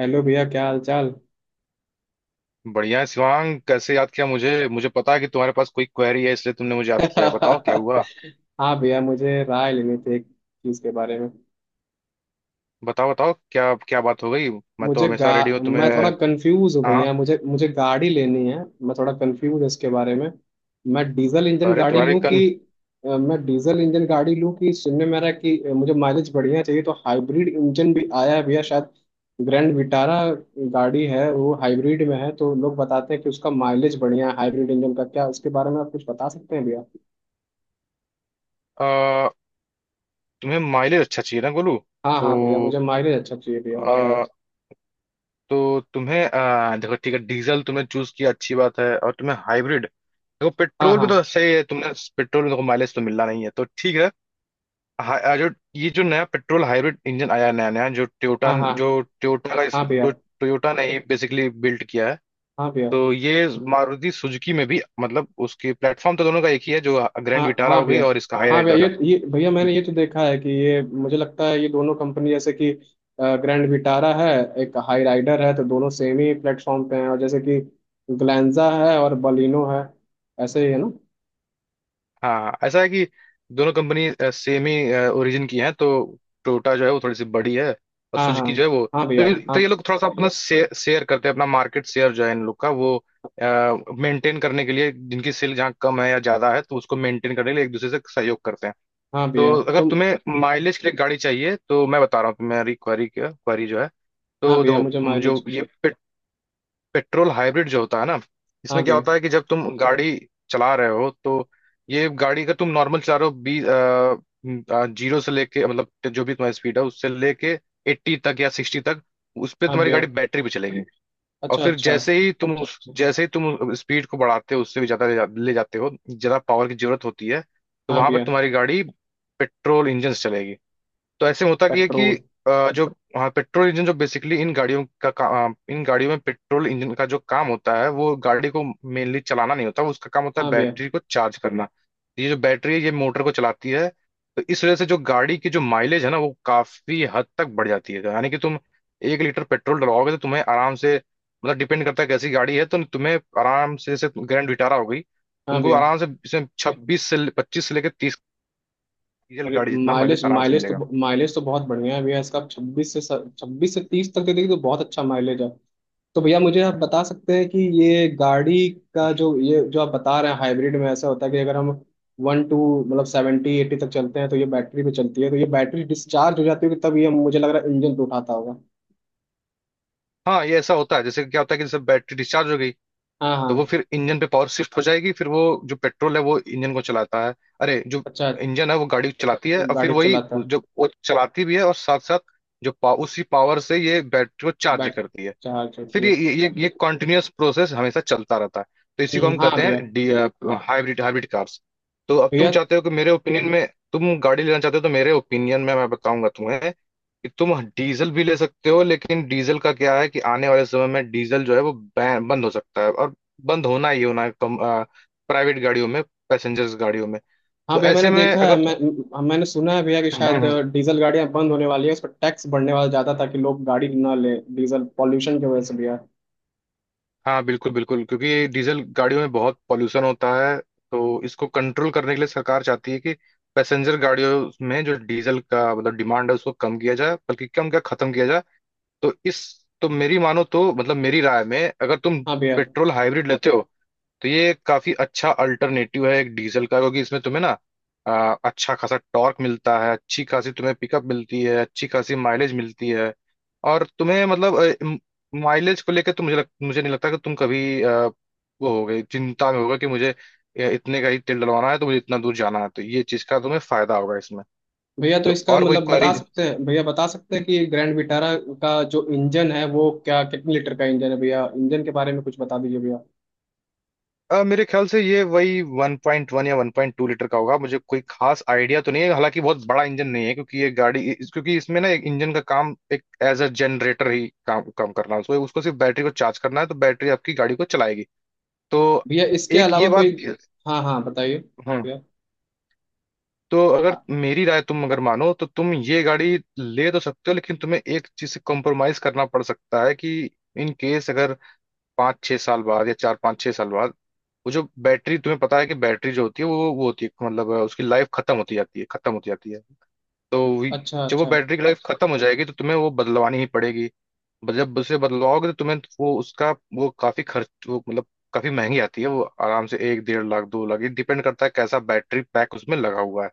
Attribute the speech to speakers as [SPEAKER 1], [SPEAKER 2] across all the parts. [SPEAKER 1] Hello भैया, क्या हाल चाल।
[SPEAKER 2] बढ़िया है, शिवांग कैसे याद किया मुझे मुझे। पता है कि तुम्हारे पास कोई क्वेरी है इसलिए तुमने मुझे याद किया। बताओ क्या हुआ।
[SPEAKER 1] हाँ भैया, मुझे राय लेनी थी एक चीज के बारे में।
[SPEAKER 2] बताओ बताओ क्या क्या बात हो गई। मैं तो
[SPEAKER 1] मुझे गा
[SPEAKER 2] हमेशा रेडी हूँ तुम्हें।
[SPEAKER 1] मैं थोड़ा कंफ्यूज हूँ
[SPEAKER 2] हाँ।
[SPEAKER 1] भैया। मुझे मुझे गाड़ी लेनी है। मैं थोड़ा कंफ्यूज हूँ इसके बारे में। मैं डीजल इंजन
[SPEAKER 2] अरे
[SPEAKER 1] गाड़ी
[SPEAKER 2] तुम्हारी
[SPEAKER 1] लूँ कि
[SPEAKER 2] कन
[SPEAKER 1] मैं डीजल इंजन गाड़ी लूँ कि सुनने में आ रहा है कि मुझे माइलेज बढ़िया चाहिए, तो हाइब्रिड इंजन भी आया है भैया शायद। ग्रैंड विटारा गाड़ी है, वो हाइब्रिड में है। तो लोग बताते हैं कि उसका माइलेज बढ़िया है। हाइब्रिड इंजन का क्या, उसके बारे में आप कुछ बता सकते हैं भैया?
[SPEAKER 2] अ, तुम्हें माइलेज अच्छा चाहिए ना गोलू।
[SPEAKER 1] हाँ
[SPEAKER 2] तो
[SPEAKER 1] हाँ भैया, मुझे माइलेज अच्छा चाहिए भैया।
[SPEAKER 2] अ, तो तुम्हें देखो ठीक है डीजल तुमने चूज किया अच्छी बात है। और तुम्हें हाइब्रिड देखो,
[SPEAKER 1] हाँ।
[SPEAKER 2] पेट्रोल में तो
[SPEAKER 1] हाँ।
[SPEAKER 2] सही है, तुमने पेट्रोल में देखो माइलेज तो मिलना नहीं है तो ठीक है। जो ये जो नया पेट्रोल हाइब्रिड इंजन आया है नया नया जो टोयोटा
[SPEAKER 1] हाँ।
[SPEAKER 2] जो
[SPEAKER 1] हाँ।
[SPEAKER 2] टोयोटा का इस-
[SPEAKER 1] हाँ भैया।
[SPEAKER 2] जो टोयोटा ने बेसिकली बिल्ड किया है।
[SPEAKER 1] हाँ भैया।
[SPEAKER 2] तो ये मारुति सुजुकी में भी मतलब उसकी प्लेटफॉर्म तो दोनों का एक ही है। जो ग्रैंड
[SPEAKER 1] हाँ
[SPEAKER 2] विटारा
[SPEAKER 1] हाँ
[SPEAKER 2] हो गई
[SPEAKER 1] भैया।
[SPEAKER 2] और इसका हाई।
[SPEAKER 1] हाँ भैया। ये भैया, मैंने ये तो देखा है कि ये मुझे लगता है ये दोनों कंपनी जैसे कि ग्रैंड विटारा है, एक हाई राइडर है, तो दोनों सेम ही प्लेटफॉर्म पे हैं। और जैसे कि ग्लैंजा है और बलिनो है, ऐसे ही है ना।
[SPEAKER 2] हाँ ऐसा है कि दोनों कंपनी सेम ही ओरिजिन की हैं। तो टोयोटा जो है वो थोड़ी सी बड़ी है और
[SPEAKER 1] हाँ। हाँ।
[SPEAKER 2] सुजुकी जो है वो।
[SPEAKER 1] हाँ
[SPEAKER 2] तो
[SPEAKER 1] भैया।
[SPEAKER 2] ये,
[SPEAKER 1] हाँ
[SPEAKER 2] तो ये लोग थोड़ा सा अपना शेयर शेयर करते हैं, अपना मार्केट शेयर जो है इन लोग का वो मेंटेन करने के लिए, जिनकी सेल जहाँ कम है या ज्यादा है तो उसको मेंटेन करने के लिए एक दूसरे से सहयोग करते हैं।
[SPEAKER 1] हाँ
[SPEAKER 2] तो
[SPEAKER 1] भैया।
[SPEAKER 2] अगर
[SPEAKER 1] तुम।
[SPEAKER 2] तुम्हें माइलेज के लिए गाड़ी चाहिए तो मैं बता रहा हूँ तुम्हारी क्वारी क्या क्वारी जो है।
[SPEAKER 1] हाँ
[SPEAKER 2] तो
[SPEAKER 1] भैया।
[SPEAKER 2] दो।
[SPEAKER 1] मुझे
[SPEAKER 2] जो
[SPEAKER 1] माइलेज।
[SPEAKER 2] ये पेट्रोल हाइब्रिड जो होता है ना,
[SPEAKER 1] हाँ
[SPEAKER 2] इसमें क्या
[SPEAKER 1] भैया।
[SPEAKER 2] होता है कि जब तुम गाड़ी चला रहे हो तो ये गाड़ी का तुम नॉर्मल चला रहे हो, बीस, जीरो से लेके मतलब जो भी तुम्हारी स्पीड है उससे लेके एट्टी तक या सिक्सटी तक, उस पे
[SPEAKER 1] हाँ
[SPEAKER 2] तुम्हारी
[SPEAKER 1] भैया।
[SPEAKER 2] गाड़ी बैटरी पे चलेगी। और
[SPEAKER 1] अच्छा
[SPEAKER 2] फिर
[SPEAKER 1] अच्छा।
[SPEAKER 2] जैसे ही तुम उस जैसे ही तुम स्पीड को बढ़ाते हो, उससे भी ज्यादा ले जाते हो, ज्यादा पावर की जरूरत होती है तो
[SPEAKER 1] हाँ
[SPEAKER 2] वहां पर
[SPEAKER 1] भैया।
[SPEAKER 2] तुम्हारी गाड़ी पेट्रोल इंजन से चलेगी। तो ऐसे में होता कि है कि
[SPEAKER 1] पेट्रोल।
[SPEAKER 2] अ, जो हाँ पेट्रोल इंजन जो बेसिकली इन गाड़ियों में पेट्रोल इंजन का जो काम होता है वो गाड़ी को मेनली चलाना नहीं होता, वो उसका काम होता है
[SPEAKER 1] हाँ भैया।
[SPEAKER 2] बैटरी को चार्ज करना। तो ये जो बैटरी है ये मोटर को चलाती है। तो इस वजह से जो गाड़ी की जो माइलेज है ना वो काफी हद तक बढ़ जाती है। यानी कि तुम एक लीटर पेट्रोल डलवाओगे तो तुम्हें आराम से मतलब डिपेंड करता है कैसी गाड़ी है, तो तुम्हें आराम से जैसे ग्रैंड विटारा हो गई
[SPEAKER 1] हाँ
[SPEAKER 2] तुमको
[SPEAKER 1] भैया।
[SPEAKER 2] आराम से इसमें छब्बीस से पच्चीस से लेकर तीस, डीजल
[SPEAKER 1] अरे,
[SPEAKER 2] गाड़ी जितना माइलेज
[SPEAKER 1] माइलेज
[SPEAKER 2] आराम से मिलेगा।
[SPEAKER 1] माइलेज तो बहुत बढ़िया है भैया। इसका छब्बीस से 30 तक दे देगी, तो बहुत अच्छा माइलेज है। तो भैया, मुझे आप बता सकते हैं कि ये गाड़ी का जो, ये जो आप बता रहे हैं हाइब्रिड में, ऐसा होता है कि अगर हम वन टू मतलब 70 80 तक चलते हैं तो ये बैटरी पे चलती है, तो ये बैटरी डिस्चार्ज हो जाती है, कि तब ये मुझे लग रहा है इंजन पे उठाता होगा।
[SPEAKER 2] हाँ ये ऐसा होता है, जैसे क्या होता है कि जैसे बैटरी डिस्चार्ज हो गई
[SPEAKER 1] हाँ
[SPEAKER 2] तो वो
[SPEAKER 1] हाँ।
[SPEAKER 2] फिर इंजन पे पावर शिफ्ट हो जाएगी। फिर वो जो पेट्रोल है वो इंजन को चलाता है। अरे जो
[SPEAKER 1] अच्छा।
[SPEAKER 2] इंजन है वो गाड़ी को चलाती है और फिर
[SPEAKER 1] गाड़ी को
[SPEAKER 2] वही
[SPEAKER 1] चलाता है।
[SPEAKER 2] जो वो चलाती भी है और साथ साथ उसी पावर से ये बैटरी को चार्ज
[SPEAKER 1] बैट
[SPEAKER 2] करती है।
[SPEAKER 1] चार्ज होती
[SPEAKER 2] फिर
[SPEAKER 1] है।
[SPEAKER 2] ये कॉन्टिन्यूअस प्रोसेस हमेशा चलता रहता है। तो इसी को हम
[SPEAKER 1] हाँ
[SPEAKER 2] कहते
[SPEAKER 1] भैया।
[SPEAKER 2] हैं हाइब्रिड, हाइब्रिड कार्स। तो अब तुम
[SPEAKER 1] भैया।
[SPEAKER 2] चाहते हो कि मेरे ओपिनियन में तुम गाड़ी लेना चाहते हो, तो मेरे ओपिनियन में मैं बताऊंगा तुम्हें कि तुम डीजल भी ले सकते हो, लेकिन डीजल का क्या है कि आने वाले समय में डीजल जो है वो बैन बंद हो सकता है और बंद होना ही होना है, कम, प्राइवेट गाड़ियों में, पैसेंजर्स गाड़ियों में।
[SPEAKER 1] हाँ
[SPEAKER 2] तो
[SPEAKER 1] भैया,
[SPEAKER 2] ऐसे
[SPEAKER 1] मैंने
[SPEAKER 2] में
[SPEAKER 1] देखा है,
[SPEAKER 2] अगर
[SPEAKER 1] मैंने सुना है भैया कि शायद
[SPEAKER 2] हम्म,
[SPEAKER 1] डीजल गाड़ियां बंद होने वाली है, उस पर टैक्स बढ़ने वाला ज्यादा ताकि लोग गाड़ी ना ले, डीजल पॉल्यूशन की वजह से
[SPEAKER 2] हम्म।
[SPEAKER 1] भैया।
[SPEAKER 2] हाँ बिल्कुल बिल्कुल क्योंकि डीजल गाड़ियों में बहुत पॉल्यूशन होता है। तो इसको कंट्रोल करने के लिए सरकार चाहती है कि पैसेंजर गाड़ियों में जो डीजल का मतलब डिमांड है उसको कम किया जाए, बल्कि कम क्या खत्म किया जाए। तो इस, तो मेरी मानो तो मतलब मेरी राय में अगर तुम
[SPEAKER 1] हाँ भैया।
[SPEAKER 2] पेट्रोल हाइब्रिड लेते हो तो ये काफी अच्छा अल्टरनेटिव है एक डीजल का, क्योंकि इसमें तुम्हें ना अच्छा खासा टॉर्क मिलता है, अच्छी खासी तुम्हें पिकअप मिलती है, अच्छी खासी माइलेज मिलती है। और तुम्हें मतलब माइलेज को लेकर तो मुझे नहीं लगता कि तुम कभी वो हो गई चिंता में होगा कि मुझे इतने का ही तेल डलवाना है तो मुझे इतना दूर जाना है, तो ये चीज का तुम्हें फायदा होगा इसमें।
[SPEAKER 1] भैया, तो
[SPEAKER 2] तो
[SPEAKER 1] इसका
[SPEAKER 2] और कोई
[SPEAKER 1] मतलब
[SPEAKER 2] क्वेरी।
[SPEAKER 1] बता सकते हैं कि ग्रैंड विटारा का जो इंजन है, वो क्या, कितने लीटर का इंजन है भैया? इंजन के बारे में कुछ बता दीजिए भैया।
[SPEAKER 2] मेरे ख्याल से ये वही 1.1 या 1.2 लीटर का होगा, मुझे कोई खास आइडिया तो नहीं है, हालांकि बहुत बड़ा इंजन नहीं है क्योंकि ये गाड़ी क्योंकि इसमें ना एक इंजन का काम एक एज अ जनरेटर ही काम काम करना है, उसको उसको सिर्फ बैटरी को चार्ज करना है, तो बैटरी आपकी गाड़ी को चलाएगी। तो
[SPEAKER 1] भैया, इसके
[SPEAKER 2] एक
[SPEAKER 1] अलावा
[SPEAKER 2] ये
[SPEAKER 1] कोई?
[SPEAKER 2] बात।
[SPEAKER 1] हाँ हाँ बताइए
[SPEAKER 2] हाँ,
[SPEAKER 1] भैया।
[SPEAKER 2] तो अगर
[SPEAKER 1] अ-
[SPEAKER 2] मेरी राय तुम अगर मानो तो तुम ये गाड़ी ले तो सकते हो, लेकिन तुम्हें एक चीज से कॉम्प्रोमाइज करना पड़ सकता है कि इन केस अगर पाँच छह साल बाद या चार पाँच छह साल बाद वो जो बैटरी, तुम्हें पता है कि बैटरी जो होती है वो होती है मतलब उसकी लाइफ खत्म होती जाती है, खत्म होती जाती है। तो वी-
[SPEAKER 1] अच्छा
[SPEAKER 2] जब वो
[SPEAKER 1] अच्छा।
[SPEAKER 2] बैटरी की लाइफ खत्म हो जाएगी तो तुम्हें वो बदलवानी ही पड़ेगी। जब उसे बदलवाओगे तो तुम्हें वो उसका वो काफी खर्च वो मतलब काफी महंगी आती है वो, आराम से एक डेढ़ लाख दो लाख, ये डिपेंड करता है कैसा बैटरी पैक उसमें लगा हुआ है।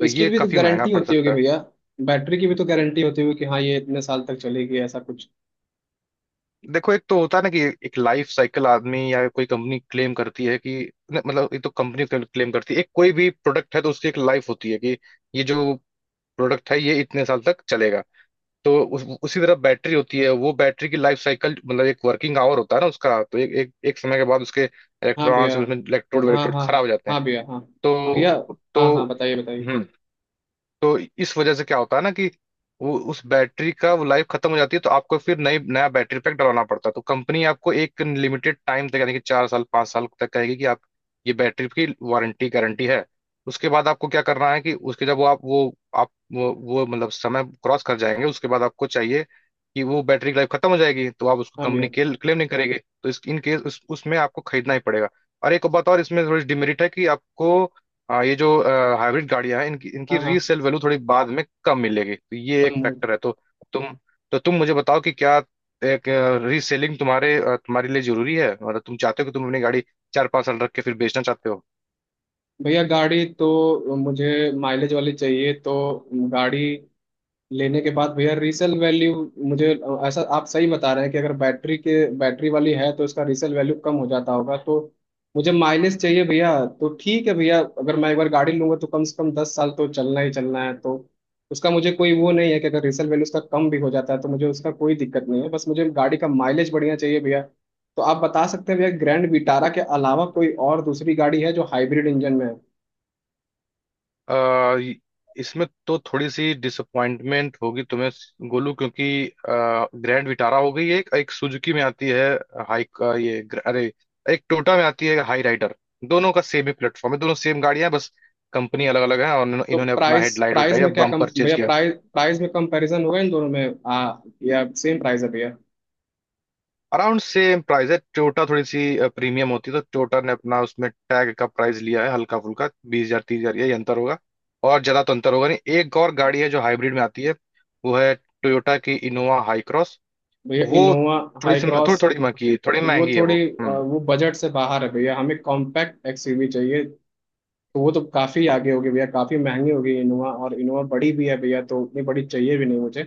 [SPEAKER 2] तो
[SPEAKER 1] इसकी
[SPEAKER 2] ये
[SPEAKER 1] भी तो
[SPEAKER 2] काफी महंगा
[SPEAKER 1] गारंटी
[SPEAKER 2] पड़
[SPEAKER 1] होती होगी
[SPEAKER 2] सकता है।
[SPEAKER 1] भैया, बैटरी की भी तो गारंटी होती होगी कि हाँ, ये इतने साल तक चलेगी, ऐसा कुछ।
[SPEAKER 2] देखो एक तो होता है ना कि एक लाइफ साइकिल आदमी या कोई कंपनी क्लेम करती है कि मतलब ये तो कंपनी क्लेम करती है, एक कोई भी प्रोडक्ट है तो उसकी एक लाइफ होती है कि ये जो प्रोडक्ट है ये इतने साल तक चलेगा। तो उसी तरह बैटरी होती है, वो बैटरी की लाइफ साइकिल मतलब एक वर्किंग आवर होता है ना उसका, तो एक एक, एक समय के बाद उसके
[SPEAKER 1] हाँ भैया।
[SPEAKER 2] इलेक्ट्रॉन्स उसमें इलेक्ट्रोड
[SPEAKER 1] हाँ
[SPEAKER 2] इलेक्ट्रोड
[SPEAKER 1] हाँ।
[SPEAKER 2] खराब हो जाते हैं।
[SPEAKER 1] हाँ भैया। हाँ भैया।
[SPEAKER 2] तो
[SPEAKER 1] हाँ
[SPEAKER 2] तो
[SPEAKER 1] हाँ बताइए बताइए।
[SPEAKER 2] हम्म, तो इस वजह से क्या होता है ना कि वो उस बैटरी का वो लाइफ खत्म हो जाती है, तो आपको फिर नई नया बैटरी पैक डलवाना पड़ता है। तो कंपनी आपको एक लिमिटेड टाइम तक यानी कि चार साल पाँच साल तक कहेगी कि आप ये बैटरी की वारंटी गारंटी है। उसके बाद आपको क्या करना है कि उसके जब वो मतलब समय क्रॉस कर जाएंगे, उसके बाद आपको चाहिए कि वो बैटरी की लाइफ खत्म हो जाएगी तो आप उसको
[SPEAKER 1] हाँ भैया।
[SPEAKER 2] कंपनी क्लेम नहीं करेंगे, तो इस इन केस उसमें आपको खरीदना ही पड़ेगा। और एक बात और इसमें थोड़ी डिमेरिट है कि आपको, हाँ ये जो हाइब्रिड गाड़ियां हैं इनकी इनकी
[SPEAKER 1] हाँ हाँ।
[SPEAKER 2] रीसेल वैल्यू थोड़ी बाद में कम मिलेगी, तो ये एक
[SPEAKER 1] कम हो-
[SPEAKER 2] फैक्टर है। तो तुम, तो तुम मुझे बताओ कि क्या एक रीसेलिंग तुम्हारे तुम्हारे लिए जरूरी है, मतलब तुम चाहते हो कि तुम अपनी गाड़ी चार पांच साल रख के फिर बेचना चाहते हो।
[SPEAKER 1] भैया, गाड़ी तो मुझे माइलेज वाली चाहिए। तो गाड़ी लेने के बाद भैया, रीसेल वैल्यू मुझे, ऐसा आप सही बता रहे हैं कि अगर बैटरी वाली है तो इसका रीसेल वैल्यू कम हो जाता होगा। तो मुझे माइलेज चाहिए भैया, तो ठीक है भैया। अगर मैं एक बार गाड़ी लूंगा तो कम से कम 10 साल तो चलना ही चलना है। तो उसका मुझे कोई वो नहीं है कि अगर रीसेल वैल्यू उसका कम भी हो जाता है तो मुझे उसका कोई दिक्कत नहीं है, बस मुझे गाड़ी का माइलेज बढ़िया चाहिए भैया। तो आप बता सकते हैं भैया, ग्रैंड विटारा के अलावा कोई और दूसरी गाड़ी है जो हाइब्रिड इंजन में है?
[SPEAKER 2] आ, य- इसमें तो थोड़ी सी डिसअपॉइंटमेंट होगी तुम्हें गोलू, क्योंकि ग्रैंड विटारा हो गई है एक सुजुकी में आती है, हाई आ, ये ग्र- अरे एक टोयोटा में आती है हाई राइडर, दोनों का सेम ही प्लेटफॉर्म है, दोनों सेम गाड़ियां हैं, बस कंपनी अलग अलग है और इन्होंने
[SPEAKER 1] तो
[SPEAKER 2] इन्होंने अपना
[SPEAKER 1] प्राइस
[SPEAKER 2] हेडलाइट
[SPEAKER 1] प्राइस
[SPEAKER 2] वेडलाइट या
[SPEAKER 1] में क्या कम
[SPEAKER 2] बम्पर चेंज
[SPEAKER 1] भैया
[SPEAKER 2] किया।
[SPEAKER 1] प्राइस प्राइस में कंपैरिजन होगा इन दोनों में, या सेम प्राइस है भैया?
[SPEAKER 2] अराउंड सेम प्राइस है, टोयोटा थोड़ी सी प्रीमियम होती है, तो टोयोटा ने अपना उसमें टैग का प्राइस लिया है हल्का फुल्का बीस हजार तीस हजार, यही अंतर होगा। और ज्यादा तो अंतर होगा नहीं। एक और गाड़ी है जो हाइब्रिड में आती है, वो है टोयोटा की इनोवा हाई क्रॉस।
[SPEAKER 1] भैया,
[SPEAKER 2] वो
[SPEAKER 1] इनोवा
[SPEAKER 2] थोड़ी
[SPEAKER 1] हाई
[SPEAKER 2] सी
[SPEAKER 1] क्रॉस।
[SPEAKER 2] थोड़ी थोड़ी महंगी, थोड़ी
[SPEAKER 1] वो
[SPEAKER 2] महंगी है
[SPEAKER 1] थोड़ी
[SPEAKER 2] वो। हम्म।
[SPEAKER 1] वो बजट से बाहर है भैया, हमें कॉम्पैक्ट एक्सयूवी चाहिए। तो वो तो काफ़ी आगे होगी भैया, काफ़ी महंगी होगी इनोवा। और इनोवा बड़ी भी है भैया, तो उतनी बड़ी चाहिए भी नहीं मुझे।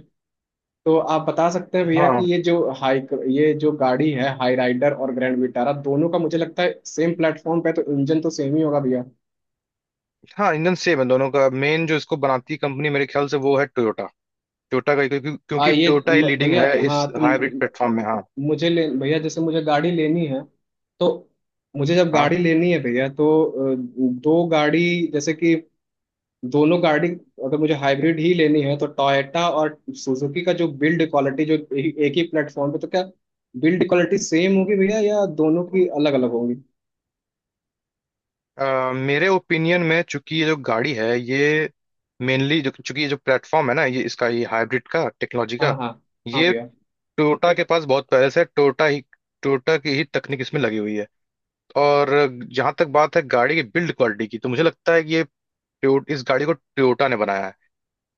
[SPEAKER 1] तो आप बता सकते हैं भैया कि
[SPEAKER 2] हाँ,
[SPEAKER 1] हाई ये जो गाड़ी है, हाई राइडर और ग्रैंड विटारा, दोनों का मुझे लगता है सेम प्लेटफॉर्म पे है, तो इंजन तो सेम ही होगा भैया।
[SPEAKER 2] हाँ इंजन सेम है दोनों का, मेन जो इसको बनाती है कंपनी मेरे ख्याल से वो है टोयोटा, टोयोटा का क्योंकि क्योंकि टोयोटा ही लीडिंग
[SPEAKER 1] भैया,
[SPEAKER 2] है इस
[SPEAKER 1] हाँ। तुम
[SPEAKER 2] हाइब्रिड पे।
[SPEAKER 1] मुझे ले भैया, जैसे मुझे गाड़ी लेनी है तो मुझे जब
[SPEAKER 2] हाँ।
[SPEAKER 1] गाड़ी लेनी है भैया, तो अ, दो गाड़ी जैसे कि दोनों गाड़ी, अगर मुझे हाइब्रिड ही लेनी है, तो टोयोटा और सुजुकी का जो बिल्ड क्वालिटी जो एक ही प्लेटफॉर्म पे, तो क्या बिल्ड क्वालिटी सेम होगी भैया या दोनों की अलग अलग होंगी?
[SPEAKER 2] मेरे ओपिनियन में चूंकि ये जो गाड़ी है ये मेनली जो चूंकि ये जो प्लेटफॉर्म है ना ये इसका ये हाइब्रिड का टेक्नोलॉजी
[SPEAKER 1] हाँ
[SPEAKER 2] का
[SPEAKER 1] हाँ। हाँ
[SPEAKER 2] ये
[SPEAKER 1] भैया।
[SPEAKER 2] टोयोटा के पास बहुत पहले से, टोयोटा की ही तकनीक इसमें लगी हुई है। और जहां तक बात है गाड़ी की बिल्ड क्वालिटी की तो मुझे लगता है कि ये इस गाड़ी को टोयोटा ने बनाया है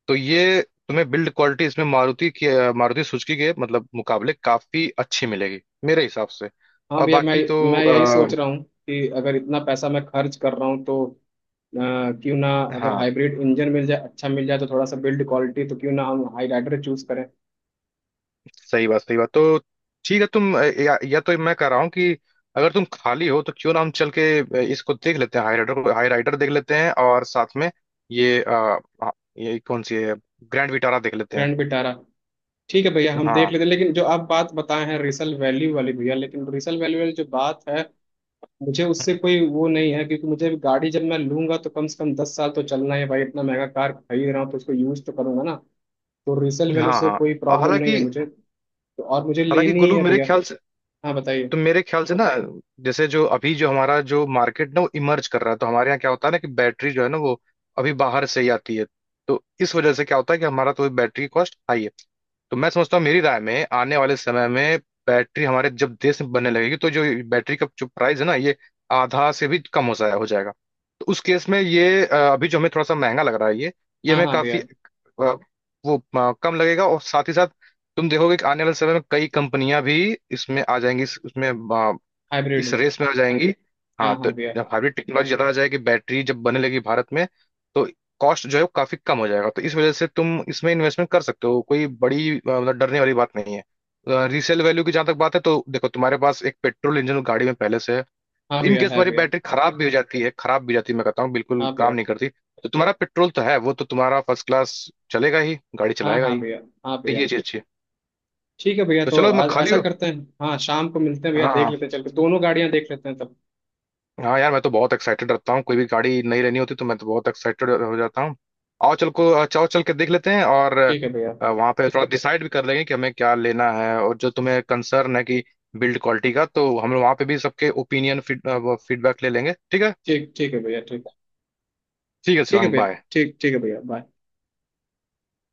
[SPEAKER 2] तो ये तुम्हें बिल्ड क्वालिटी इसमें मारुति सुजुकी के मतलब मुकाबले काफी अच्छी मिलेगी मेरे हिसाब से।
[SPEAKER 1] हाँ
[SPEAKER 2] और
[SPEAKER 1] भैया, मैं
[SPEAKER 2] बाकी तो
[SPEAKER 1] मैं यही सोच रहा हूँ कि अगर इतना पैसा मैं खर्च कर रहा हूँ, तो क्यों ना, अगर
[SPEAKER 2] हाँ
[SPEAKER 1] हाइब्रिड इंजन मिल जाए, अच्छा मिल जाए तो थोड़ा सा बिल्ड क्वालिटी, तो क्यों ना हम हाई राइडर चूज करें।
[SPEAKER 2] सही बात, सही बात। तो ठीक है तुम या तो मैं कह रहा हूँ कि अगर तुम खाली हो तो क्यों ना हम चल के इसको देख लेते हैं हाई राइडर को, हाई राइडर देख लेते हैं और साथ में ये अ, अ, ये कौन सी है ग्रैंड विटारा देख लेते हैं।
[SPEAKER 1] Grand Vitara. ठीक है भैया, हम देख
[SPEAKER 2] हाँ।
[SPEAKER 1] लेते हैं। लेकिन जो आप बात बताए हैं रिसल वैल्यू वाली भैया लेकिन रिसल वैल्यू वाली जो बात है, मुझे उससे
[SPEAKER 2] हम्म।
[SPEAKER 1] कोई वो नहीं है। क्योंकि मुझे अभी गाड़ी, जब मैं लूंगा तो कम से कम दस साल तो चलना है भाई। इतना महंगा कार खरीद रहा हूँ तो उसको यूज तो करूंगा ना। तो रिसल वैल्यू
[SPEAKER 2] हाँ
[SPEAKER 1] से
[SPEAKER 2] हाँ
[SPEAKER 1] कोई प्रॉब्लम नहीं है
[SPEAKER 2] हालांकि,
[SPEAKER 1] मुझे। तो और मुझे
[SPEAKER 2] हालांकि
[SPEAKER 1] लेनी ही
[SPEAKER 2] गोलू
[SPEAKER 1] है
[SPEAKER 2] मेरे
[SPEAKER 1] भैया।
[SPEAKER 2] ख्याल से,
[SPEAKER 1] हाँ बताइए।
[SPEAKER 2] तो मेरे ख्याल से ना जैसे जो अभी जो हमारा जो मार्केट ना वो इमर्ज कर रहा है, तो हमारे यहाँ क्या होता है ना कि बैटरी जो है ना वो अभी बाहर से ही आती है। तो इस वजह से क्या होता है कि हमारा तो बैटरी कॉस्ट हाई है। तो मैं समझता हूँ मेरी राय में आने वाले समय में बैटरी हमारे जब देश में बनने लगेगी तो जो बैटरी का जो प्राइस है ना ये आधा से भी कम हो जाएगा। तो उस केस में ये अभी जो हमें थोड़ा सा महंगा लग रहा है ये
[SPEAKER 1] हाँ
[SPEAKER 2] हमें
[SPEAKER 1] हाँ
[SPEAKER 2] काफी
[SPEAKER 1] भैया।
[SPEAKER 2] अ, कम लगेगा। और साथ ही साथ तुम देखोगे कि आने वाले समय में कई कंपनियां भी इसमें आ जाएंगी
[SPEAKER 1] हाइब्रिड
[SPEAKER 2] इस
[SPEAKER 1] में।
[SPEAKER 2] रेस में आ जाएंगी। हाँ
[SPEAKER 1] हाँ
[SPEAKER 2] तो
[SPEAKER 1] हाँ भैया।
[SPEAKER 2] जब हाइब्रिड टेक्नोलॉजी ज़्यादा आ जाएगी, बैटरी जब बनने लगी भारत में, तो कॉस्ट जो है वो काफ़ी कम हो जाएगा। तो इस वजह से तुम इसमें इन्वेस्टमेंट कर सकते हो, कोई बड़ी मतलब डरने वाली बात नहीं है। रीसेल वैल्यू की जहां तक बात है तो देखो तुम्हारे पास एक पेट्रोल इंजन गाड़ी में पहले से है।
[SPEAKER 1] हाँ
[SPEAKER 2] इन
[SPEAKER 1] भैया
[SPEAKER 2] केस
[SPEAKER 1] है
[SPEAKER 2] तुम्हारी
[SPEAKER 1] भैया।
[SPEAKER 2] बैटरी खराब भी हो जाती है, खराब भी हो जाती है, मैं कहता हूँ बिल्कुल
[SPEAKER 1] हाँ भैया।
[SPEAKER 2] काम नहीं करती तो तुम्हारा पेट्रोल तो है वो तो तुम्हारा फर्स्ट क्लास चलेगा ही, गाड़ी
[SPEAKER 1] हाँ
[SPEAKER 2] चलाएगा
[SPEAKER 1] हाँ
[SPEAKER 2] ही।
[SPEAKER 1] भैया। हाँ
[SPEAKER 2] तो
[SPEAKER 1] भैया।
[SPEAKER 2] ये चीज अच्छी है।
[SPEAKER 1] ठीक है भैया,
[SPEAKER 2] तो
[SPEAKER 1] तो
[SPEAKER 2] चलो मैं
[SPEAKER 1] आज
[SPEAKER 2] खाली
[SPEAKER 1] ऐसा
[SPEAKER 2] हूँ।
[SPEAKER 1] करते हैं, हाँ, शाम को मिलते हैं भैया।
[SPEAKER 2] हाँ
[SPEAKER 1] देख
[SPEAKER 2] हाँ।
[SPEAKER 1] लेते हैं, चल के दोनों गाड़ियां देख लेते हैं तब।
[SPEAKER 2] हाँ यार मैं तो बहुत एक्साइटेड रहता हूँ, कोई भी गाड़ी नई लेनी होती तो मैं तो बहुत एक्साइटेड हो जाता हूँ। आओ चल को चाओ चल के देख लेते हैं, और
[SPEAKER 1] ठीक है भैया।
[SPEAKER 2] वहाँ पे थोड़ा डिसाइड भी कर लेंगे कि हमें क्या लेना है। और जो तुम्हें कंसर्न है कि बिल्ड क्वालिटी का, तो हम वहाँ पे भी सबके ओपिनियन फीडबैक ले लेंगे, ठीक है।
[SPEAKER 1] ठीक ठीक है भैया। ठीक
[SPEAKER 2] ठीक है
[SPEAKER 1] ठीक है
[SPEAKER 2] शिवांग,
[SPEAKER 1] भैया।
[SPEAKER 2] बाय।
[SPEAKER 1] ठीक ठीक है भैया, बाय।